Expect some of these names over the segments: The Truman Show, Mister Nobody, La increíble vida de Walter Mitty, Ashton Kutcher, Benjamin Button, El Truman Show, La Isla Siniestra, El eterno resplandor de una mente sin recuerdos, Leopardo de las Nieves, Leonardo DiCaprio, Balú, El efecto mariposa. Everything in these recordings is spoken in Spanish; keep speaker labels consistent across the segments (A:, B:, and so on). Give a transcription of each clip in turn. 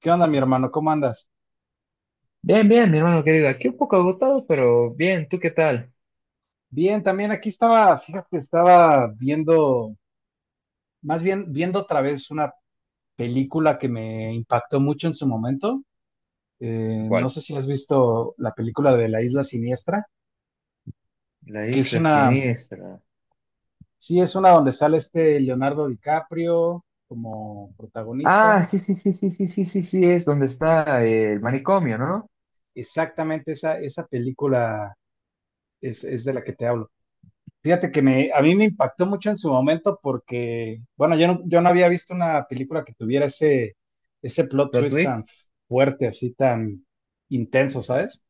A: ¿Qué onda, mi hermano? ¿Cómo andas?
B: Bien, bien, mi hermano querido. Aquí un poco agotado, pero bien. ¿Tú qué tal?
A: Bien, también aquí estaba, fíjate, estaba viendo, más bien viendo otra vez una película que me impactó mucho en su momento. No
B: ¿Cuál?
A: sé si has visto la película de La Isla Siniestra,
B: La
A: que es
B: isla
A: una,
B: siniestra.
A: sí, es una donde sale este Leonardo DiCaprio como
B: Ah,
A: protagonista.
B: sí, sí, sí, sí, sí, sí, sí, sí, es donde está el manicomio, ¿no?
A: Exactamente esa, esa película es de la que te hablo. Fíjate que me, a mí me impactó mucho en su momento porque, bueno, yo no había visto una película que tuviera ese, ese plot
B: ¿Plot
A: twist
B: twist?
A: tan fuerte, así tan intenso, ¿sabes?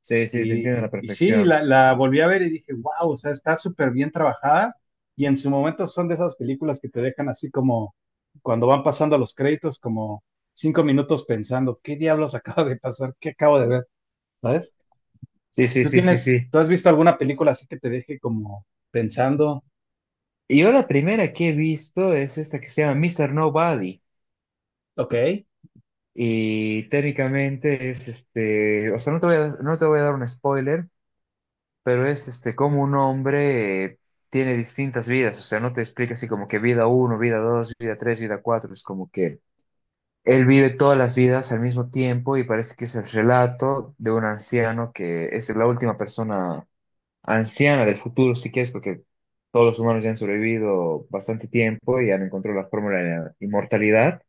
B: Sí, sí, te entiendo a
A: Y,
B: la
A: y sí,
B: perfección.
A: la volví a ver y dije, wow, o sea, está súper bien trabajada y en su momento son de esas películas que te dejan así como cuando van pasando los créditos, como cinco minutos pensando, ¿qué diablos acaba de pasar? ¿Qué acabo de ver? ¿Sabes?
B: Sí, sí,
A: ¿Tú
B: sí, sí,
A: tienes,
B: sí.
A: tú has visto alguna película así que te deje como pensando,
B: Y yo la primera que he visto es esta que se llama Mister Nobody.
A: ok?
B: Y técnicamente es o sea, no te voy a dar un spoiler. Pero es como un hombre tiene distintas vidas, o sea, no te explica así como que vida uno, vida dos, vida tres, vida cuatro, es como que él vive todas las vidas al mismo tiempo y parece que es el relato de un anciano que es la última persona anciana del futuro, si quieres, porque todos los humanos ya han sobrevivido bastante tiempo y han encontrado la fórmula de la inmortalidad,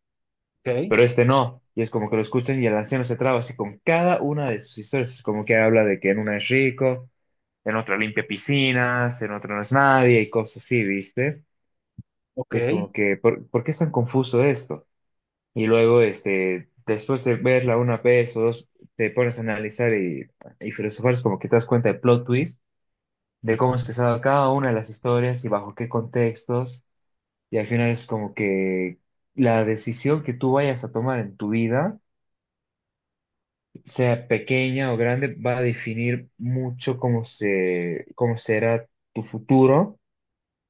A: Ok,
B: pero este no. Y es como que lo escuchan y el anciano se traba así con cada una de sus historias. Es como que habla de que en una es rico, en otra limpia piscinas, en otra no es nadie y cosas así, ¿viste?
A: ok,
B: Y es como que, ¿por qué es tan confuso esto? Y luego, después de verla una vez o dos, te pones a analizar y filosofar, es como que te das cuenta de plot twist, de cómo es que se ha dado cada una de las historias y bajo qué contextos, y al final es como que la decisión que tú vayas a tomar en tu vida, sea pequeña o grande, va a definir mucho cómo será tu futuro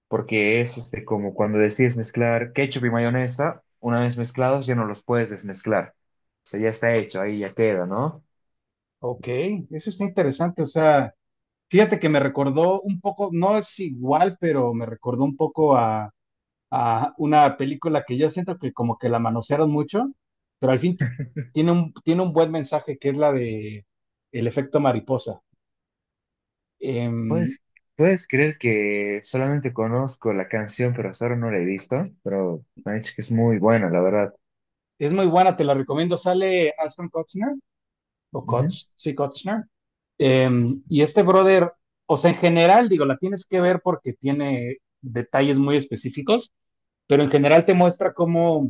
B: porque es como cuando decides mezclar ketchup y mayonesa, una vez mezclados ya no los puedes desmezclar. O sea, ya está hecho, ahí ya queda, ¿no?
A: ok, eso está interesante. O sea, fíjate que me recordó un poco, no es igual, pero me recordó un poco a una película que yo siento que como que la manosearon mucho, pero al fin tiene un buen mensaje que es la de El efecto mariposa. Em,
B: Puedes, puedes creer que solamente conozco la canción, pero hasta ahora no la he visto, pero me han dicho que es muy buena, la verdad.
A: es muy buena, te la recomiendo. Sale Ashton Kutcher, o
B: Ujú,
A: Kutch, sí, Kutcher. Y este brother, o sea, en general, digo, la tienes que ver porque tiene detalles muy específicos, pero en general te muestra cómo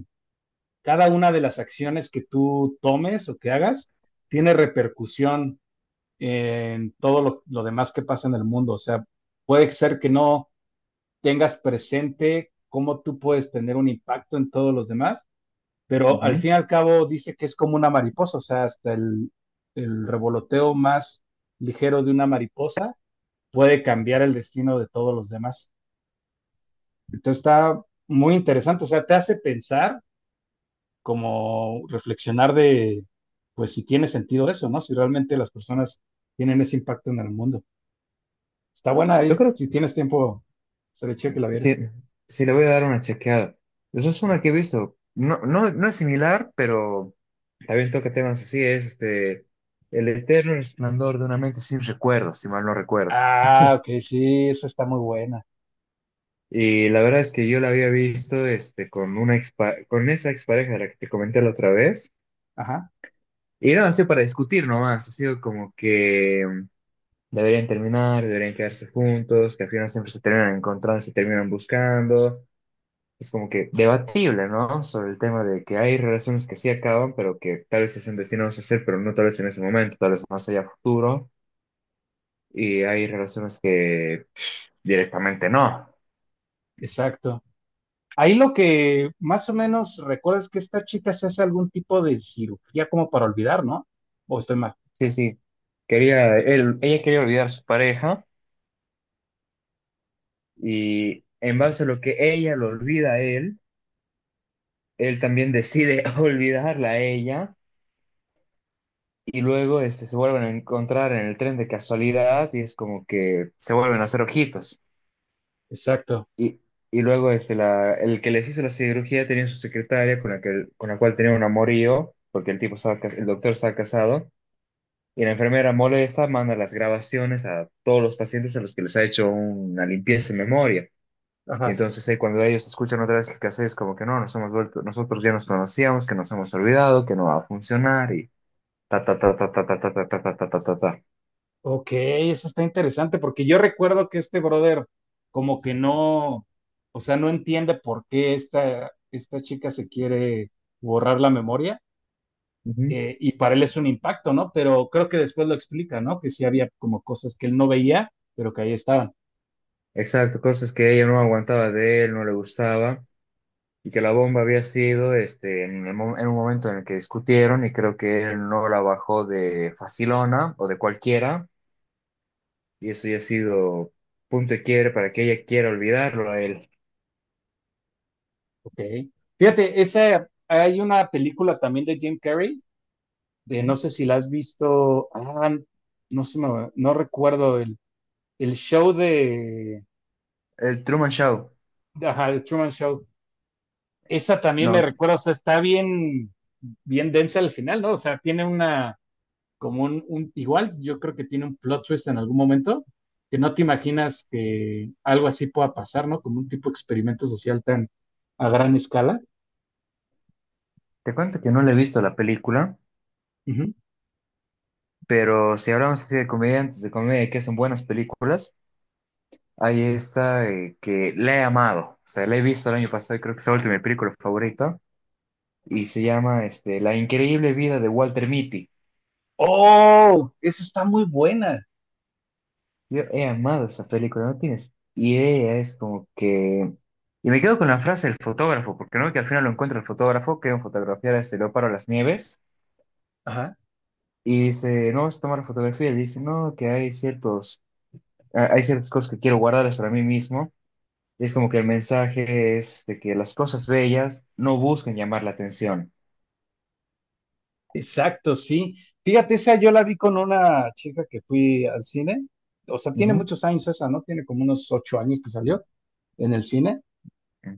A: cada una de las acciones que tú tomes o que hagas tiene repercusión en todo lo demás que pasa en el mundo. O sea, puede ser que no tengas presente cómo tú puedes tener un impacto en todos los demás, pero al
B: ujú.
A: fin y al cabo dice que es como una mariposa, o sea, hasta el revoloteo más ligero de una mariposa puede cambiar el destino de todos los demás. Entonces está muy interesante, o sea, te hace pensar como reflexionar de, pues si tiene sentido eso, ¿no? Si realmente las personas tienen ese impacto en el mundo. Está buena ahí,
B: Yo creo
A: si tienes tiempo, estaría chido
B: que
A: que la
B: sí,
A: vieras.
B: sí le voy a dar una chequeada. Esa es una que he visto. No, no es similar, pero también toca temas así, es El eterno resplandor de una mente sin recuerdos, si mal no recuerdo.
A: Ah, ok, sí, esa está muy buena.
B: Y la verdad es que yo la había visto con una con esa expareja de la que te comenté la otra vez.
A: Ajá,
B: Y no, ha sido para discutir nomás. Ha sido como que deberían terminar, deberían quedarse juntos, que al final siempre se terminan encontrando, se terminan buscando. Es como que debatible, ¿no? Sobre el tema de que hay relaciones que sí acaban, pero que tal vez se estén destinados a hacer, pero no tal vez en ese momento, tal vez más allá a futuro. Y hay relaciones que pff, directamente no.
A: exacto. Ahí lo que más o menos recuerdo es que esta chica se hace algún tipo de cirugía como para olvidar, ¿no? O estoy mal.
B: Sí, sí. Ella quería olvidar a su pareja. Y en base a lo que ella lo olvida a él, él también decide olvidarla a ella. Y luego se vuelven a encontrar en el tren de casualidad y es como que se vuelven a hacer ojitos.
A: Exacto.
B: Y, y luego el que les hizo la cirugía tenía su secretaria con la cual tenía un amorío, porque el tipo el doctor estaba casado. Y la enfermera molesta, manda las grabaciones a todos los pacientes a los que les ha hecho una limpieza de memoria. Y
A: Ajá.
B: entonces ahí cuando ellos escuchan otra vez que haces como que no, nosotros ya nos conocíamos, que nos hemos olvidado, que no va a funcionar y ta ta ta ta ta ta ta ta ta ta ta ta ta ta.
A: Ok, eso está interesante porque yo recuerdo que este brother como que no, o sea, no entiende por qué esta, esta chica se quiere borrar la memoria
B: Ujú.
A: y para él es un impacto, ¿no? Pero creo que después lo explica, ¿no? Que sí había como cosas que él no veía, pero que ahí estaban.
B: Exacto, cosas que ella no aguantaba de él, no le gustaba y que la bomba había sido en un momento en el que discutieron y creo que él no la bajó de facilona o de cualquiera y eso ya ha sido punto y quiere para que ella quiera olvidarlo a él.
A: Ok. Fíjate, esa, hay una película también de Jim Carrey,
B: Ujú.
A: no sé si la has visto, ah, no sé, no recuerdo el show de,
B: El Truman Show.
A: ajá, el Truman Show. Esa también me
B: No,
A: recuerda, o sea, está bien, bien densa al final, ¿no? O sea, tiene una, como un, igual yo creo que tiene un plot twist en algún momento, que no te imaginas que algo así pueda pasar, ¿no? Como un tipo de experimento social tan a gran escala.
B: te cuento que no le he visto la película.
A: Ujú.
B: Pero si hablamos así de comediantes, de comedia que hacen buenas películas, hay esta que la he amado. O sea, la he visto el año pasado y creo que se ha vuelto mi película favorita. Y se llama La increíble vida de Walter Mitty.
A: Oh, esa está muy buena.
B: Yo he amado esa película, no tienes idea, es como que... Y me quedo con la frase del fotógrafo, porque no que al final lo encuentra el fotógrafo, que iba a fotografiar a este Leopardo de las Nieves,
A: Ajá,
B: y dice, no vas a tomar fotografía y dice, no, que hay hay ciertas cosas que quiero guardarlas para mí mismo. Y es como que el mensaje es de que las cosas bellas no buscan llamar la atención.
A: exacto, sí. Fíjate, esa yo la vi con una chica que fui al cine. O sea, tiene
B: Ujú,
A: muchos años esa, ¿no? Tiene como unos ocho años que salió en el cine.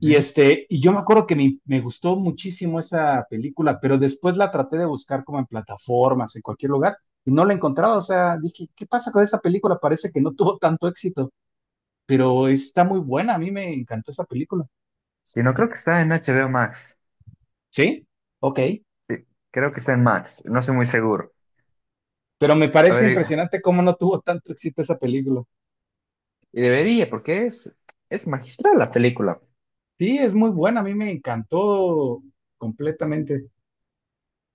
A: Y, este, y yo me acuerdo que me gustó muchísimo esa película, pero después la traté de buscar como en plataformas, en cualquier lugar, y no la encontraba. O sea, dije, ¿qué pasa con esta película? Parece que no tuvo tanto éxito, pero está muy buena. A mí me encantó esa película.
B: Sí, no creo que está en HBO Max.
A: ¿Sí? Ok.
B: Sí, creo que está en Max. No estoy muy seguro.
A: Pero me
B: A
A: parece
B: ver,
A: impresionante cómo no tuvo tanto éxito esa película.
B: y debería, porque es magistral la película.
A: Sí, es muy buena. A mí me encantó completamente.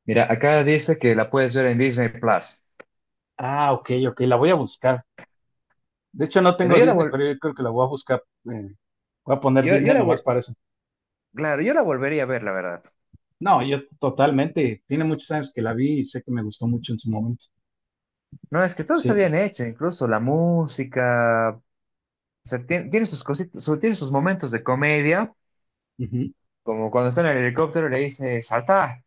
B: Mira, acá dice que la puedes ver en Disney Plus.
A: Ah, ok, ok. La voy a buscar. De hecho, no
B: Pero
A: tengo
B: yo la
A: Disney,
B: vol-
A: pero yo creo que la voy a buscar. eh, Voy a poner
B: yo, yo
A: Disney
B: la
A: nomás
B: vol-
A: para eso.
B: claro, yo la volvería a ver, la verdad.
A: No, yo totalmente. Tiene muchos años que la vi y sé que me gustó mucho en su momento.
B: No, es que todo está
A: Sí.
B: bien hecho, incluso la música. O sea, tiene sus momentos de comedia.
A: Ujú.
B: Como cuando está en el helicóptero le dice, salta.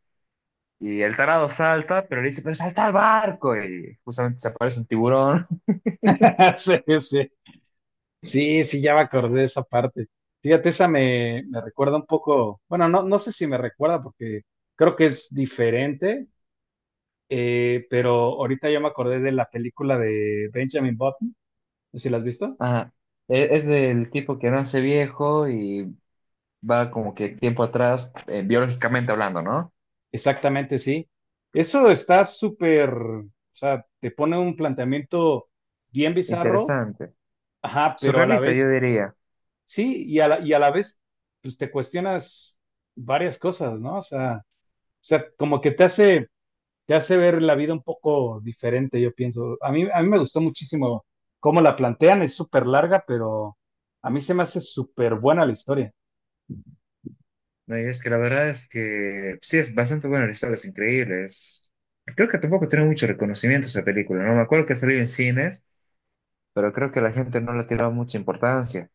B: Y el tarado salta, pero le dice, pero salta al barco. Y justamente se aparece un tiburón.
A: Sí, sí. Sí, sí, ya me acordé de esa parte. Fíjate, esa me, me recuerda un poco. Bueno, no, no sé si me recuerda porque creo que es diferente, pero ahorita ya me acordé de la película de Benjamin Button. No sé si la has visto.
B: Ajá. Es el tipo que nace viejo y va como que tiempo atrás, biológicamente hablando, ¿no?
A: Exactamente, sí. Eso está súper. O sea, te pone un planteamiento bien bizarro.
B: Interesante.
A: Ajá, pero a la
B: Surrealista, yo
A: vez
B: diría.
A: sí, y a la vez, pues te cuestionas varias cosas, ¿no? O sea, como que te hace ver la vida un poco diferente, yo pienso. A mí me gustó muchísimo cómo la plantean, es súper larga, pero a mí se me hace súper buena la historia.
B: No, y es que la verdad es que sí, es bastante buena la historia, es increíble. Creo que tampoco tiene mucho reconocimiento esa película, ¿no? Me acuerdo que salió en cines, pero creo que la gente no le tiraba mucha importancia.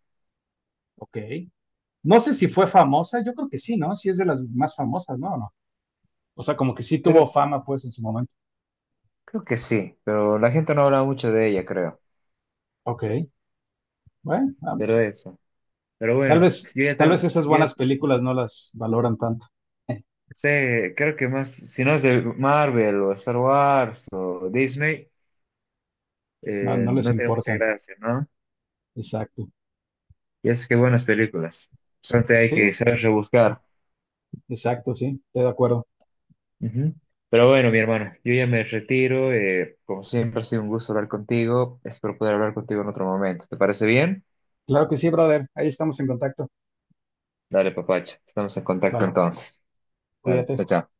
A: Ok. No sé si fue famosa, yo creo que sí, ¿no? Sí es de las más famosas, ¿no? ¿O no? O sea, como que sí tuvo
B: Creo,
A: fama, pues, en su momento.
B: Creo que sí, pero la gente no habla mucho de ella, creo.
A: Ok. Bueno, ah,
B: Pero eso. Pero bueno,
A: tal vez esas
B: yo ya
A: buenas películas no las valoran tanto.
B: sé, creo que más, si no es de Marvel o Star Wars o Disney,
A: No, no les
B: no tiene mucha
A: importan.
B: gracia, ¿no?
A: Exacto.
B: Y es que buenas películas. Solamente hay que
A: Sí,
B: saber rebuscar.
A: exacto, sí, estoy de acuerdo.
B: Ujú. Pero bueno, mi hermano, yo ya me retiro. Como siempre, ha sido un gusto hablar contigo. Espero poder hablar contigo en otro momento. ¿Te parece bien?
A: Claro que sí, brother. Ahí estamos en contacto.
B: Dale, papacha. Estamos en contacto
A: Vale,
B: entonces. Dale, chao,
A: cuídate.
B: chao.